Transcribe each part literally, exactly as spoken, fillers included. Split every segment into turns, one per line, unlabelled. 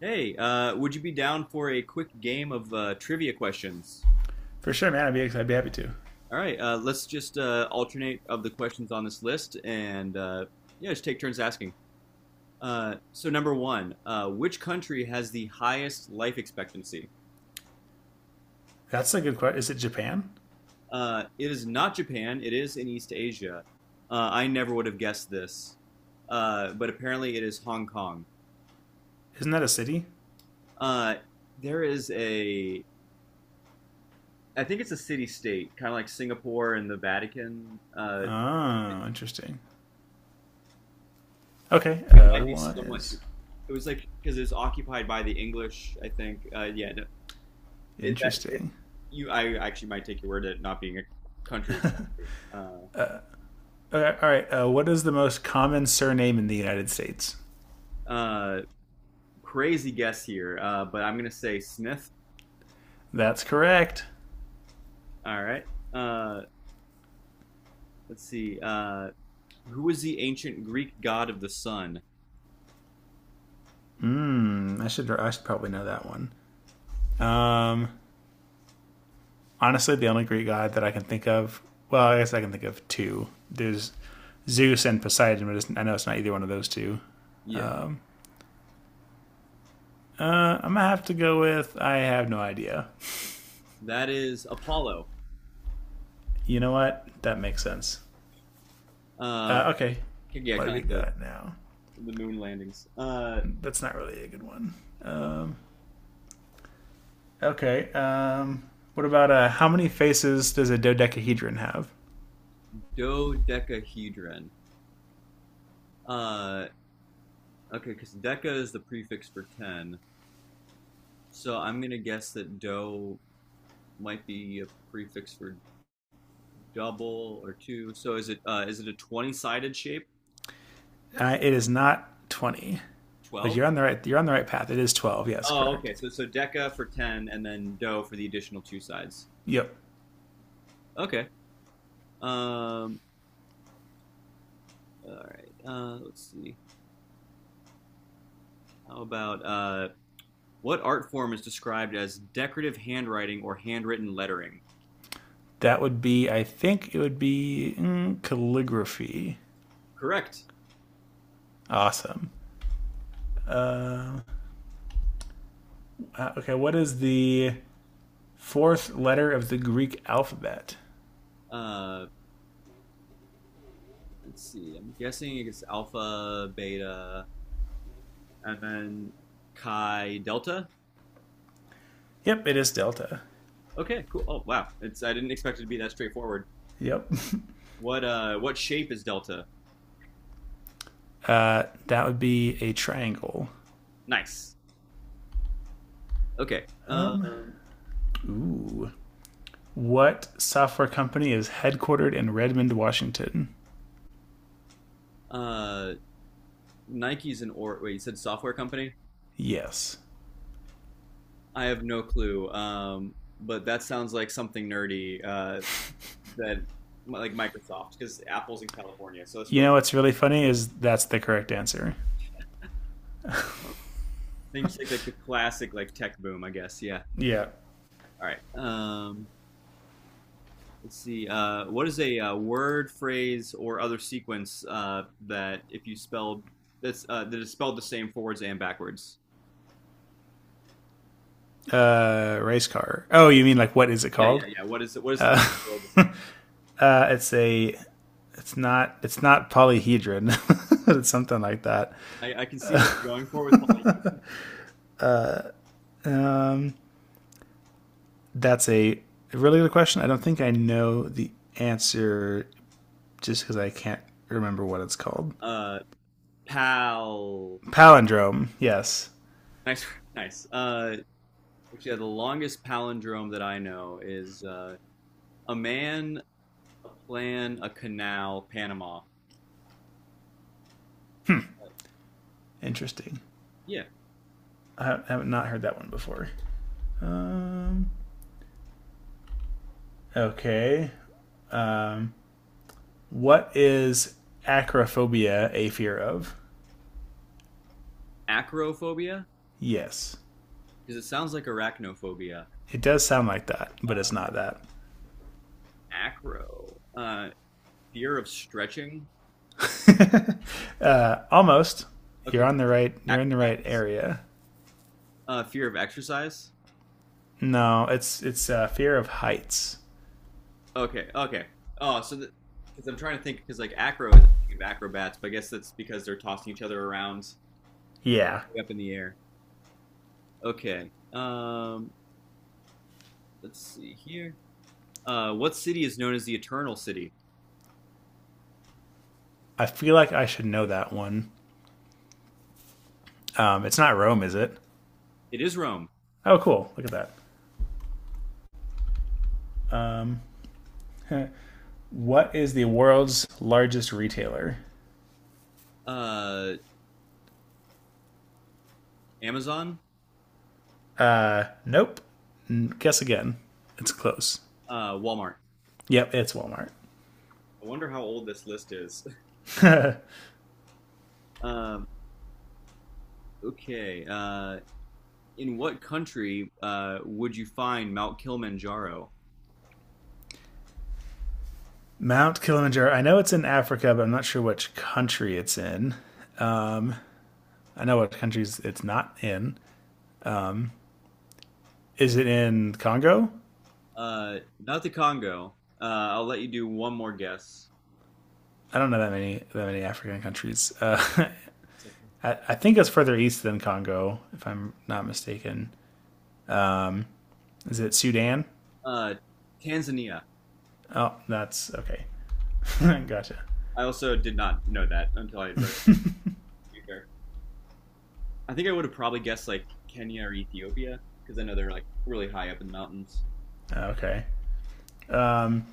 Hey, uh, would you be down for a quick game of uh, trivia questions?
For sure, man. I'd be I'd be happy to.
All right, uh, let's just uh, alternate of the questions on this list and uh, yeah, just take turns asking. Uh, so, number one, uh, which country has the highest life expectancy?
That's a good question. Is it Japan?
Uh, it is not Japan, it is in East Asia. Uh, I never would have guessed this, uh, but apparently it is Hong Kong.
Isn't that a city?
Uh, there is a, I think it's a city state, kind of like Singapore and the Vatican. Uh,
Oh, interesting. Okay.
it
Uh,
might be
what
somewhat.
is
It was like because it was occupied by the English. I think. Uh, yeah. No, it, that, it,
interesting?
you. I actually might take your word at it not being a country. country. Uh,
Okay, all right. Uh, what is the most common surname in the United States?
uh, crazy guess here, uh, but I'm gonna say Smith.
That's correct.
All right. Uh, let's see. Uh, who was the ancient Greek god of the sun?
Mm, I should I should probably know that one. Um, honestly, the only Greek god that I can think of. Well, I guess I can think of two. There's Zeus and Poseidon, but I know it's not either one of those two.
Yeah,
Uh, I'm gonna have to go with I have no idea.
that is Apollo.
You know what? That makes sense.
Uh,
Uh, okay.
yeah,
What have
kind
we
of like the
got now?
the moon landings. Uh,
That's not really a good one. Okay. Um, what about uh, how many faces does a dodecahedron have?
dodecahedron. Uh, Okay, because deca is the prefix for ten. So I'm going to guess that do might be a prefix for double or two. So is it uh, is it a twenty-sided shape?
Uh, it is not twenty, but
twelve?
you're on the right. You're on the right path. It is twelve. Yes,
Oh,
correct.
okay. So so deca for ten and then do for the additional two sides.
Yep.
Okay. Um all right. Uh let's see. How about uh what art form is described as decorative handwriting or handwritten lettering?
That would be. I think it would be mm, calligraphy.
Correct.
Awesome. Uh, okay. What is the fourth letter of the Greek alphabet?
Uh let's see. I'm guessing it's alpha, beta, and then chi delta.
Yep. It is delta.
Okay, cool. Oh wow, it's I didn't expect it to be that straightforward.
Yep.
What uh, what shape is delta?
Uh, that would be a triangle.
Nice. Okay. Um,
Ooh. What software company is headquartered in Redmond, Washington?
uh, Nike's an or wait, you said software company?
Yes.
I have no clue. Um, but that sounds like something nerdy. Uh, that like Microsoft because Apple's in California. So let's
You
go.
know what's really funny is that's the correct answer.
Then you take like the classic like tech boom, I guess. Yeah.
Yeah.
All right. Um, let's see. Uh, what is a, uh word, phrase, or other sequence uh, that if you spell that's uh, that is spelled the same forwards and backwards?
Uh, race car. Oh, you mean like what is it
Yeah,
called?
yeah, yeah. What is it? What is the name for the thing?
Uh, it's a. It's not. It's not polyhedron. it's something like that.
I, I can see where you're going for with Paul.
Um, that's a really good question. I don't think I know the answer just because I can't remember what it's called.
Uh, pal.
Palindrome. Yes.
Nice, nice. Uh, which, yeah, the longest palindrome that I know is uh, a man, a plan, a canal, Panama.
Interesting.
Yeah,
I have not heard that one before. Um, okay. What is acrophobia a fear of?
acrophobia
Yes.
because it sounds like arachnophobia.
It does sound like that,
Uh,
but it's not
acro. Uh, fear of stretching.
that. uh, almost.
Okay,
You're
cool.
on the right. You're in the right
Acrobatics.
area.
Uh, fear of exercise.
No, it's it's uh, fear of heights.
Okay, okay. Oh, so because I'm trying to think, because like acro is I think of acrobats, but I guess that's because they're tossing each other around
Yeah,
way up in the air. Okay. Um, let's see here. Uh, what city is known as the Eternal City?
I feel like I should know that one. Um, it's not Rome, is it?
It is Rome.
Oh, cool. Look at that. What is the world's largest retailer?
Uh, Amazon.
Nope. Guess again. It's close.
Uh, Walmart.
Yep, it's Walmart.
I wonder how old this list is. Um, okay. Uh, in what country uh, would you find Mount Kilimanjaro?
Mount Kilimanjaro. I know it's in Africa, but I'm not sure which country it's in. I know what countries it's not in. Is it in Congo?
Uh, not the Congo. Uh, I'll let you do one more guess.
I don't know that many that many African countries. Uh,
It's okay.
I, I think it's further east than Congo, if I'm not mistaken. Is it Sudan?
Uh, Tanzania.
Oh, that's okay. gotcha.
I also did not know that until I read it. To be fair, I think I would have probably guessed like Kenya or Ethiopia because I know they're like really high up in the mountains.
Okay. Um,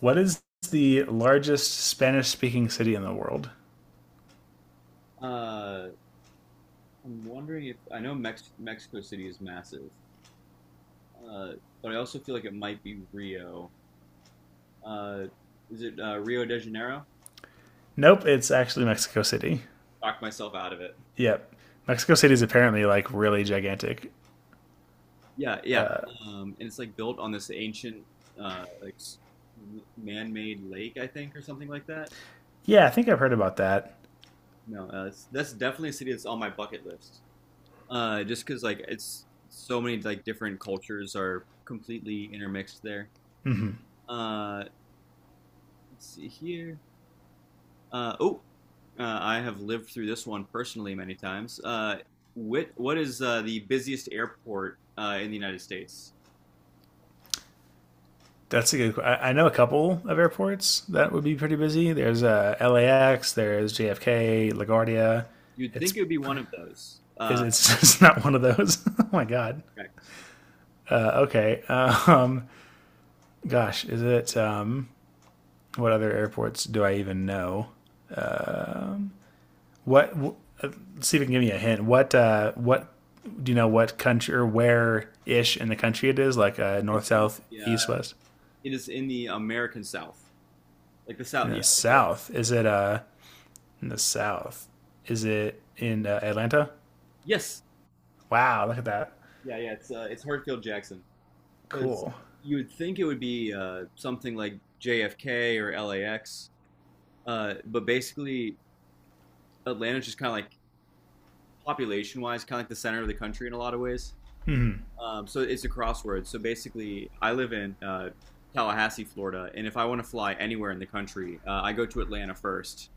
what is the largest Spanish-speaking city in the world?
Uh, I'm wondering if I know Mex- Mexico City is massive, uh, but I also feel like it might be Rio. Uh, is it uh, Rio de Janeiro?
Nope, it's actually Mexico City.
Talked myself out of it.
Yep, Mexico City is apparently like really gigantic.
Yeah, yeah. Um, and it's like built on this ancient, uh, like s- m- man-made lake, I think, or something like that.
Yeah, I think I've heard about that.
No, uh, it's, that's definitely a city that's on my bucket list. Uh, just because like it's so many like different cultures are completely intermixed there. Uh, let's see here. Uh, oh, uh, I have lived through this one personally many times. Uh, what what is uh, the busiest airport uh, in the United States?
That's a good. I, know a couple of airports that would be pretty busy. There's uh, L A X. There's J F K, LaGuardia.
You'd think
It's
it would be one of those.
is
Uh,
it's, it's not one of those. oh my god.
correct.
Uh, okay. Um. Gosh. Is it? Um. What other airports do I even know? What? W- see if you can give me a hint. What? Uh. What? Do you know what country or where ish in the country it is? Like uh,
It's
north,
in
south,
the
east,
uh,
west.
It is in the American South, like the
In
South. Yeah.
the
Like the,
south, is it? Uh. In the south, is it in uh, Atlanta?
yes.
Wow, look at that.
Yeah, yeah. It's uh, it's Hartsfield Jackson because
Cool.
you would think it would be uh, something like J F K or L A X, uh, but basically Atlanta's just kind of like population-wise, kind of like the center of the country in a lot of ways. Um, so it's a crossword. So basically, I live in uh, Tallahassee, Florida, and if I want to fly anywhere in the country, uh, I go to Atlanta first,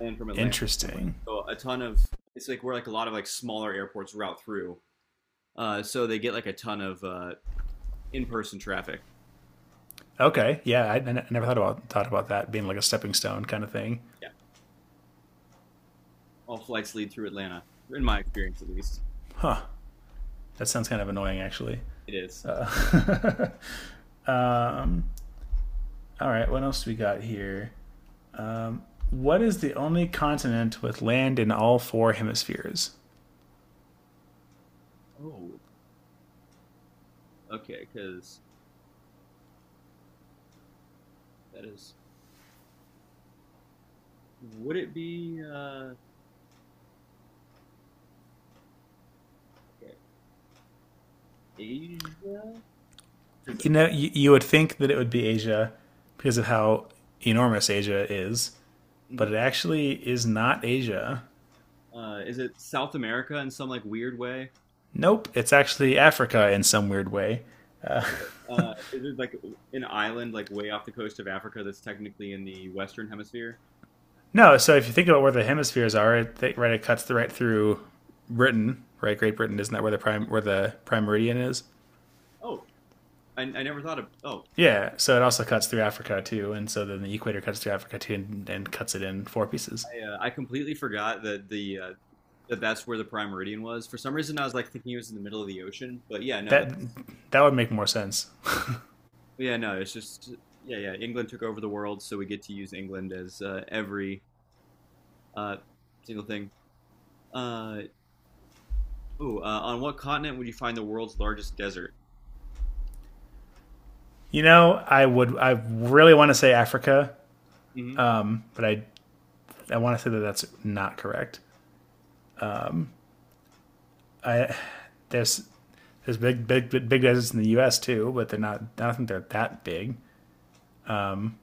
and from Atlanta somewhere.
Interesting.
So a ton of it's like where like a lot of like smaller airports route through. Uh, so they get like a ton of uh, in-person traffic.
Okay. Yeah, I I never thought about thought about that being like a stepping stone kind of thing.
Yeah, all flights lead through Atlanta, in my experience at least.
Huh. That sounds kind of annoying, actually.
It is.
Uh, um, all right. What else do we got here? What is the only continent with land in all four hemispheres?
Oh, okay, because that is. Would it be uh, okay, Asia? Is it,
You know, you, you would think that it would be Asia because of how enormous Asia is, but it actually is not Asia.
uh, is it South America in some like weird way?
Nope, it's actually Africa in some weird way.
Okay, uh, is it like an island like way off the coast of Africa that's technically in the Western Hemisphere?
No, so if you think about where the hemispheres are, it th- right it cuts the right through Britain, right? Great Britain isn't that where the prime where the prime meridian is?
Oh, I, I never thought of. Oh,
Yeah, so it also cuts through Africa too, and so then the equator cuts through Africa too, and, and cuts it in four pieces.
I, uh, I completely forgot that the uh, that that's where the prime meridian was. For some reason, I was like thinking it was in the middle of the ocean, but yeah, no,
That
that's
that would make more sense.
yeah, no, it's just yeah, yeah. England took over the world, so we get to use England as uh, every uh, single thing. Uh, ooh, uh, on what continent would you find the world's largest desert?
You know, I would I really want to say Africa,
hmm
but I I want to say that that's not correct. I there's there's big big big deserts in the U S too, but they're not. I don't think they're that big.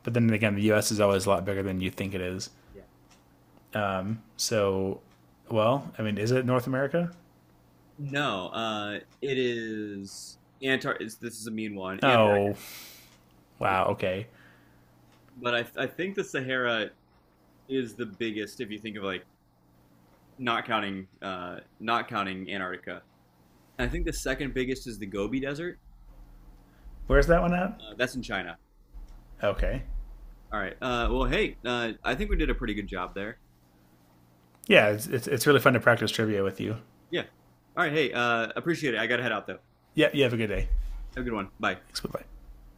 But then again, the U S is always a lot bigger than you think it is.
Yeah.
So, well, I mean, is it North America?
No, uh, it is Antar. It's, this is a mean one, Antarctica.
Oh, wow. Okay,
But I I think the Sahara is the biggest if you think of like not counting uh not counting Antarctica. And I think the second biggest is the Gobi Desert.
where's that one at?
Uh, that's in China.
Okay,
All right. Uh, well, hey, uh, I think we did a pretty good job there.
yeah, it's it's, it's really fun to practice trivia with you.
Yeah. All right. Hey, uh, appreciate it. I gotta head out though.
Yeah, you have a good day.
Have a good one. Bye.
Thanks. Bye bye.